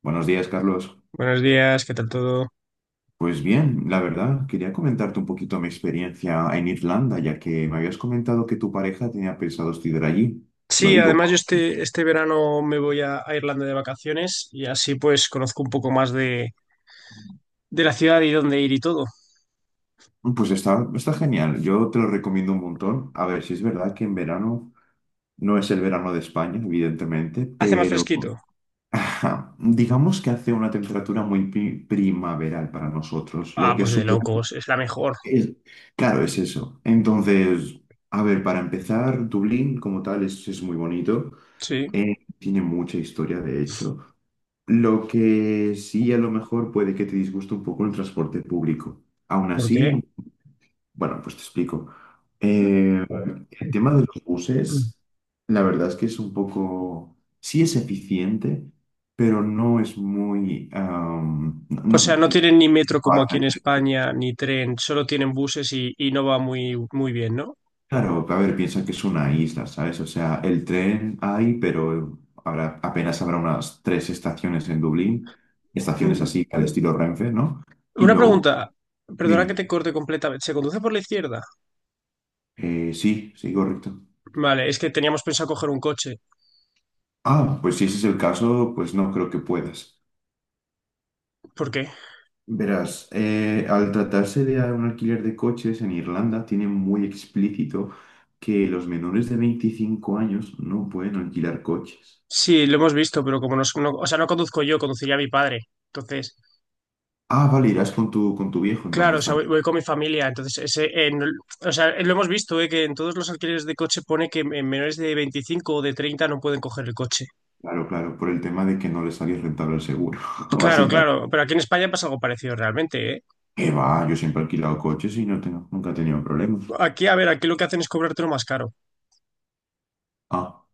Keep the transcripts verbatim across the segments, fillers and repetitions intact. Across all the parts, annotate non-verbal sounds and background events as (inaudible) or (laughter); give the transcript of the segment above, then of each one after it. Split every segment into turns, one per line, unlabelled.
Buenos días, Carlos.
Buenos días, ¿qué tal todo?
Pues bien, la verdad, quería comentarte un poquito mi experiencia en Irlanda, ya que me habías comentado que tu pareja tenía pensado estudiar allí. Lo
Sí, además yo
digo,
este, este verano me voy a, a Irlanda de vacaciones y así pues conozco un poco más de, de la ciudad y dónde ir y todo.
pues está, está genial. Yo te lo recomiendo un montón. A ver, si es verdad que en verano no es el verano de España, evidentemente,
¿Hace más
pero
fresquito?
(laughs) ajá, digamos que hace una temperatura muy pri- primaveral para nosotros. Lo
Ah,
que
pues
es,
de
un verano
locos, es la mejor.
es- claro, es eso. Entonces, a ver, para empezar, Dublín como tal es es muy bonito.
Sí,
Eh, tiene mucha historia, de hecho. Lo que sí a lo mejor puede que te disguste un poco el transporte público. Aún
¿por qué?
así, bueno, pues te explico. Eh, el tema de los buses, la verdad es que es un poco, sí es eficiente, pero no es muy, am, no-
O sea,
no-
no tienen ni metro como aquí en España, ni tren, solo tienen buses y, y no va muy, muy bien, ¿no?
Claro, a ver, piensa que es una isla, ¿sabes? O sea, el tren hay, pero habrá, apenas habrá unas tres estaciones en Dublín, estaciones
Mm.
así, al estilo Renfe, ¿no? Y
Una
luego,
pregunta, perdona que
dime.
te corte completamente, ¿se conduce por la izquierda?
Eh, sí, sí, correcto.
Vale, es que teníamos pensado coger un coche.
Ah, pues si ese es el caso, pues no creo que puedas.
¿Por qué?
Verás, eh, al tratarse de un alquiler de coches en Irlanda, tiene muy explícito que los menores de veinticinco años no pueden alquilar coches.
Sí, lo hemos visto, pero como no, no- o sea, no conduzco yo, conduciría a mi padre. Entonces,
Ah, vale, irás con tu, con tu viejo
claro, o
entonces.
sea, voy, voy con mi familia. Entonces, ese, en- o sea, lo hemos visto, eh, que en todos los alquileres de coche pone que en menores de veinticinco o de treinta no pueden coger el coche.
Claro, claro, por el tema de que no le salía rentable el seguro, (laughs)
Claro,
básicamente.
claro, pero aquí en España pasa algo parecido realmente, ¿eh?
¿Qué va? Yo siempre he alquilado coches y no tengo, nunca he tenido problemas.
Aquí, a ver, aquí lo que hacen es cobrártelo más caro.
Ah,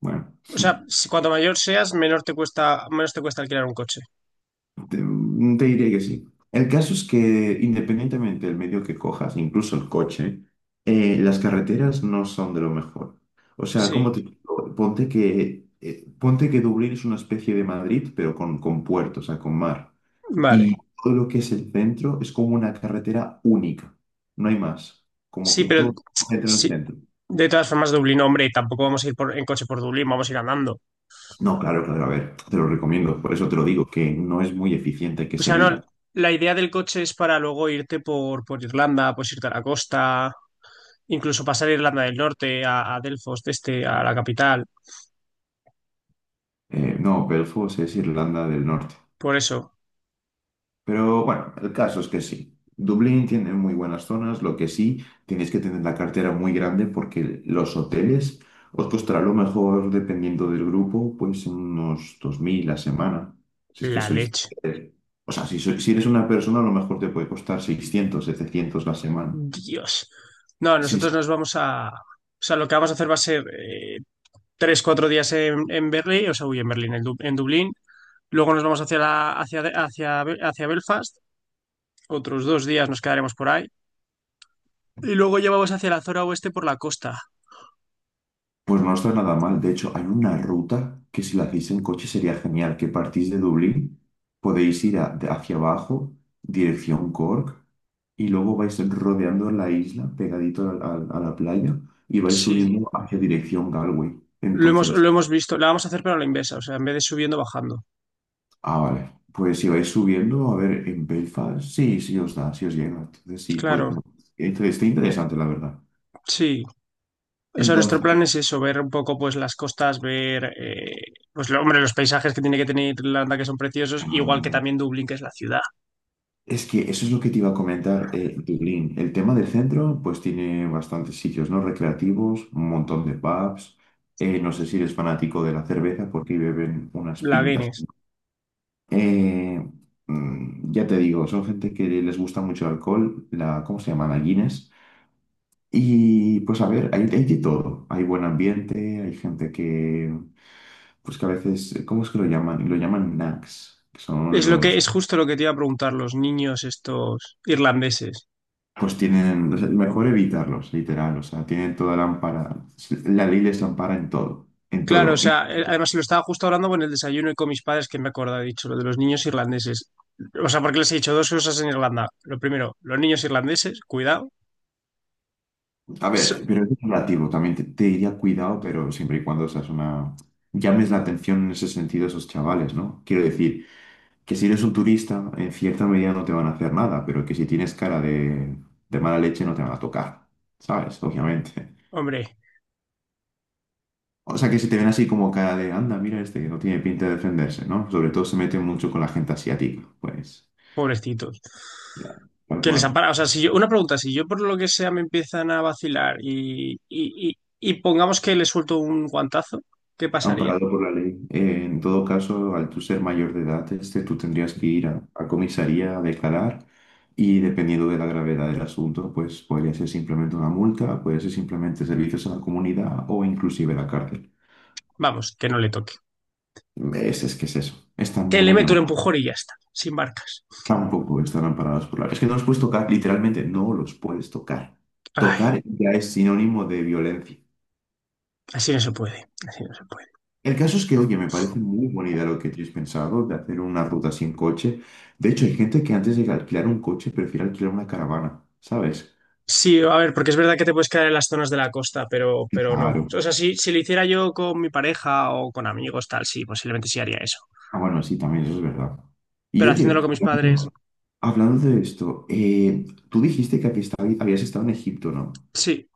bueno.
O sea, si cuanto mayor seas, menor te cuesta, menos te cuesta alquilar un coche.
Te, mm, te diría que sí. El caso es que independientemente del medio que cojas, incluso el coche, eh, las carreteras no son de lo mejor. O sea,
Sí,
¿como te digo? Ponte que, eh, ponte que Dublín es una especie de Madrid, pero con, con puerto, o sea, con mar.
vale.
Y todo lo que es el centro es como una carretera única, no hay más. Como
Sí,
que
pero
todo se concentra en el
sí,
centro.
de todas formas, Dublín, hombre, tampoco vamos a ir por, en coche por Dublín, vamos a ir andando.
No, claro, claro, a ver, te lo recomiendo, por eso te lo digo, que no es muy eficiente que
O
se
sea, no,
diga.
la idea del coche es para luego irte por, por Irlanda, pues irte a la costa, incluso pasar a Irlanda del Norte, a, a Delfos, de este, a la capital.
Eh, no, Belfast es Irlanda del Norte.
Por eso,
Pero bueno, el caso es que sí. Dublín tiene muy buenas zonas, lo que sí, tienes que tener la cartera muy grande porque los hoteles os costará a lo mejor, dependiendo del grupo, pues unos dos mil la semana. Si es que
la
sois...
leche.
O sea, si, sois- si eres una persona, a lo mejor te puede costar seiscientos setecientos la semana.
Dios. No,
Sí,
nosotros
sí.
nos vamos a... O sea, lo que vamos a hacer va a ser eh, tres, cuatro días en, en Berlín, o sea, uy, en Berlín, en, Du- en Dublín. Luego nos vamos hacia, la- hacia, hacia, Be- hacia Belfast. Otros dos días nos quedaremos por ahí. Y luego ya vamos hacia la zona oeste por la costa.
Pues no está nada mal. De hecho, hay una ruta que si la hacéis en coche sería genial, que partís de Dublín, podéis ir a- de- hacia abajo, dirección Cork, y luego vais rodeando la isla pegadito al- al- a, la playa y vais
Sí.
subiendo hacia dirección Galway.
Lo hemos, lo
Entonces,
hemos visto, la vamos a hacer pero a la inversa, o sea, en vez de subiendo, bajando.
ah, vale. Pues si vais subiendo, a ver, en Belfast, sí, sí os da, sí os llega. Entonces, sí,
Claro,
bueno, entonces está interesante, la verdad.
sí. O sea, nuestro
Entonces,
plan es eso, ver un poco pues las costas, ver eh, pues lo- hombre, los paisajes que tiene que tener Irlanda que son preciosos, igual que también Dublín, que es la ciudad.
es que eso es lo que te iba a comentar, eh, Dublín. El tema del centro, pues tiene bastantes sitios, ¿no? Recreativos, un montón de pubs. Eh, no sé si eres fanático de la cerveza porque beben unas
La
pintas.
Guinness.
Eh, mm, ya te digo, son gente que les gusta mucho el alcohol, la, ¿cómo se llama? La Guinness. Y pues a ver, hay, hay de todo. Hay buen ambiente, hay gente que, pues que a veces, ¿cómo es que lo llaman? Lo llaman nags, que son
Es lo que
los...
es justo lo que te iba a preguntar los niños estos irlandeses.
Pues tienen, o sea, mejor evitarlos, literal, o sea, tienen toda la ampara, la ley les ampara en todo, en
Claro, o
todo.
sea, eh, además lo estaba justo hablando con el desayuno y con mis padres que me acordaba, he dicho lo de los niños irlandeses. O sea, porque les he dicho dos cosas en Irlanda. Lo primero, los niños irlandeses, cuidado.
A ver,
So-
pero es relativo, también te, te diría cuidado, pero siempre y cuando seas una... llames la atención en ese sentido a esos chavales, ¿no? Quiero decir, que si eres un turista, en cierta medida no te van a hacer nada, pero que si tienes cara de, de mala leche no te van a tocar, ¿sabes? Obviamente.
Hombre,
O sea, que si te ven así como cara de, anda, mira este, que no tiene pinta de defenderse, ¿no? Sobre todo se meten mucho con la gente asiática, pues.
pobrecitos.
Ya. Tal
Que les
cual.
ampara. O sea, si yo, una pregunta, si yo por lo que sea me empiezan a vacilar y, y, y, y pongamos que le suelto un guantazo, ¿qué pasaría?
Amparado por la ley. Eh, en todo caso, al tú ser mayor de edad, este, tú tendrías que ir a, a comisaría a declarar y dependiendo de la gravedad del asunto, pues podría ser simplemente una multa, puede ser simplemente servicios a la comunidad o inclusive la cárcel.
Vamos, que no le toque.
Es, es que es eso. Están
Que le
muy,
meto un
am-
empujón y ya está, sin marcas.
tampoco están amparados por la ley. Es que no los puedes tocar, literalmente no los puedes tocar.
Ay,
Tocar ya es sinónimo de violencia.
así no se puede, así no se puede.
El caso es que, oye, me parece muy buena idea lo que tienes pensado de hacer una ruta así en coche. De hecho, hay gente que antes de alquilar un coche prefiere alquilar una caravana, ¿sabes?
Sí, a ver, porque es verdad que te puedes quedar en las zonas de la costa, pero,
Sí,
pero no.
claro.
O sea, si, si lo hiciera yo con mi pareja o con amigos, tal, sí, posiblemente sí haría eso.
Ah, bueno, sí, también eso es verdad. Y
Pero haciéndolo
oye,
con mis padres,
hablando, hablando de esto, eh, tú dijiste que habías estado habías estado en Egipto, ¿no?
sí.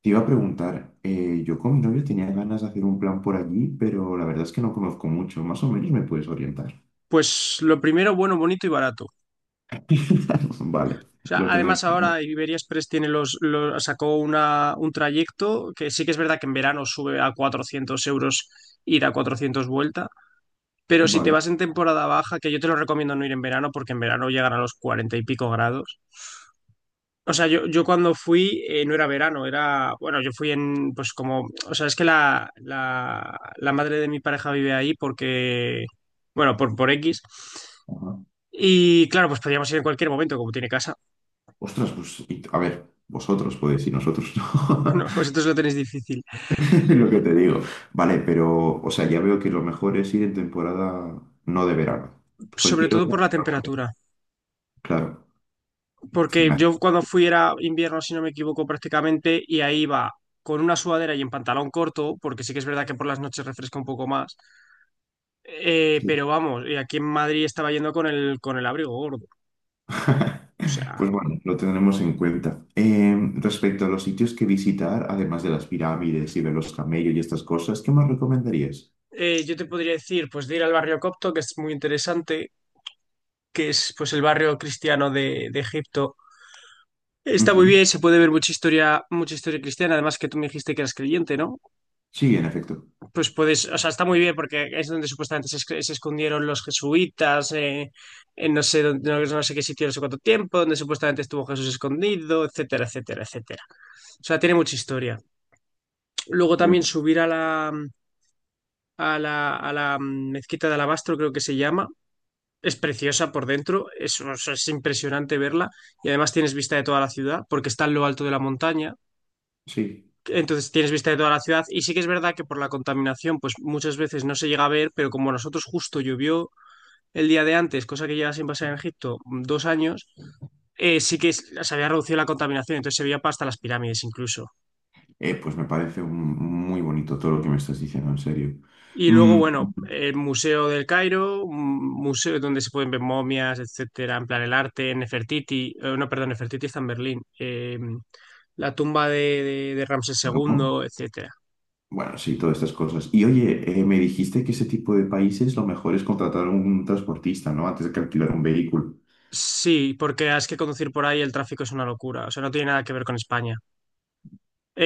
Te iba a preguntar, eh, yo con mi novio tenía ganas de hacer un plan por allí, pero la verdad es que no conozco mucho. Más o menos me puedes orientar.
Pues lo primero, bueno, bonito y barato.
(laughs) Vale,
O sea,
lo tendré en
además
cuenta.
ahora Iberia Express tiene los, los- sacó una, un trayecto que sí que es verdad que en verano sube a cuatrocientos euros ida, cuatrocientos vuelta, pero si te
Vale.
vas en temporada baja, que yo te lo recomiendo no ir en verano porque en verano llegan a los cuarenta y pico grados. O sea, yo, yo cuando fui eh, no era verano, era, bueno, yo fui en, pues como, o sea, es que la, la, la madre de mi pareja vive ahí porque, bueno, por, por X.
Ajá.
Y claro, pues podíamos ir en cualquier momento, como tiene casa.
Ostras, pues, y- a ver, vosotros podéis y nosotros
(laughs)
no.
No, vosotros lo tenéis difícil.
(laughs) Lo que te digo. Vale, pero, o sea, ya veo que lo mejor es ir en temporada no de verano.
Sobre
Cualquier
todo
otra,
por la
pero no.
temperatura,
Claro.
porque
Me
yo
haces-
cuando fui era invierno, si no me equivoco, prácticamente, y ahí iba con una sudadera y en pantalón corto, porque sí que es verdad que por las noches refresca un poco más. Eh,
sí.
pero vamos, y aquí en Madrid estaba yendo con el, con el abrigo gordo.
(laughs)
O
Pues
sea,
bueno, lo tendremos en cuenta. Eh, respecto a los sitios que visitar, además de las pirámides y ver los camellos y estas cosas, ¿qué más recomendarías?
eh, yo te podría decir, pues de ir al barrio copto, que es muy interesante, que es pues el barrio cristiano de, de Egipto. Está muy
Ujú.
bien, se puede ver mucha historia, mucha historia cristiana, además que tú me dijiste que eras creyente, ¿no?
Sí, en efecto.
Pues puedes, o sea, está muy bien porque es donde supuestamente se, esc- se escondieron los jesuitas, eh, en no sé dónde- no, no sé qué sitio, no sé cuánto tiempo, donde supuestamente estuvo Jesús escondido, etcétera, etcétera, etcétera. O sea, tiene mucha historia. Luego también
Pues
subir a la, a la, a la mezquita de Alabastro, creo que se llama. Es preciosa por dentro, es, o sea, es impresionante verla y además tienes vista de toda la ciudad porque está en lo alto de la montaña.
sí.
Entonces tienes vista de toda la ciudad y sí que es verdad que por la contaminación pues muchas veces no se llega a ver, pero como a nosotros justo llovió el día de antes, cosa que lleva sin pasar en Egipto mm, dos años, eh, sí que es- se había reducido la contaminación, entonces se veía hasta las pirámides incluso.
Eh, pues me parece un- muy bonito todo lo que me estás diciendo, en serio.
Y luego,
Mm,
bueno, el Museo del Cairo, un museo donde se pueden ver momias, etcétera, en plan el arte, Nefertiti, eh, no, perdón, Nefertiti está en Berlín, eh, la tumba de, de, de Ramsés
Japón.
segundo etcétera.
Bueno, sí, todas estas cosas. Y oye, eh, me dijiste que ese tipo de países lo mejor es contratar un transportista, ¿no? Antes de que alquilar un vehículo.
Sí, porque es que conducir por ahí el tráfico es una locura. O sea, no tiene nada que ver con España.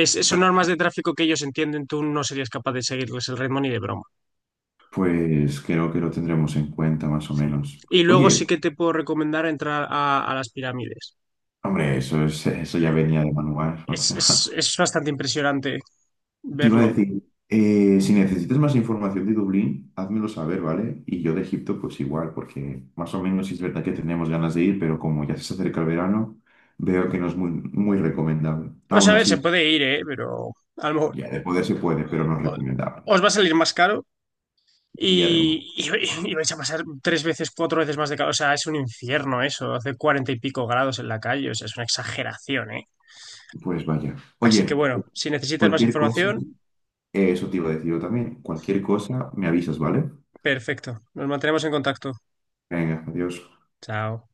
Es, son
para-
normas de tráfico que ellos entienden, tú no serías capaz de seguirles el ritmo ni de broma.
Pues creo que lo tendremos en cuenta más o
Sí.
menos.
Y luego sí
Oye,
que te puedo recomendar entrar a, a las pirámides.
hombre, eso es, eso ya venía de manual. O
Es,
sea,
es,
(laughs)
es bastante impresionante
te iba a
verlo.
decir, eh, si necesitas más información de Dublín, házmelo saber, ¿vale? Y yo de Egipto, pues igual, porque más o menos sí es verdad que tenemos ganas de ir, pero como ya se acerca el verano, veo que no es muy, muy recomendable.
O sea,
Aún
a ver, se
así.
puede ir, ¿eh? Pero a lo mejor
Ya, de poder se puede, pero no es
o-
recomendable.
os va a salir más caro
Y además,
y, y, y vais a pasar tres veces, cuatro veces más de calor. O sea, es un infierno eso, hace cuarenta y pico grados en la calle. O sea, es una exageración, eh.
pues vaya.
Así que
Oye,
bueno, si necesitas más
cualquier cosa,
información,
eh, eso te iba a decir yo también. Cualquier cosa, me avisas, ¿vale?
perfecto. Nos mantenemos en contacto.
Venga, adiós.
Chao.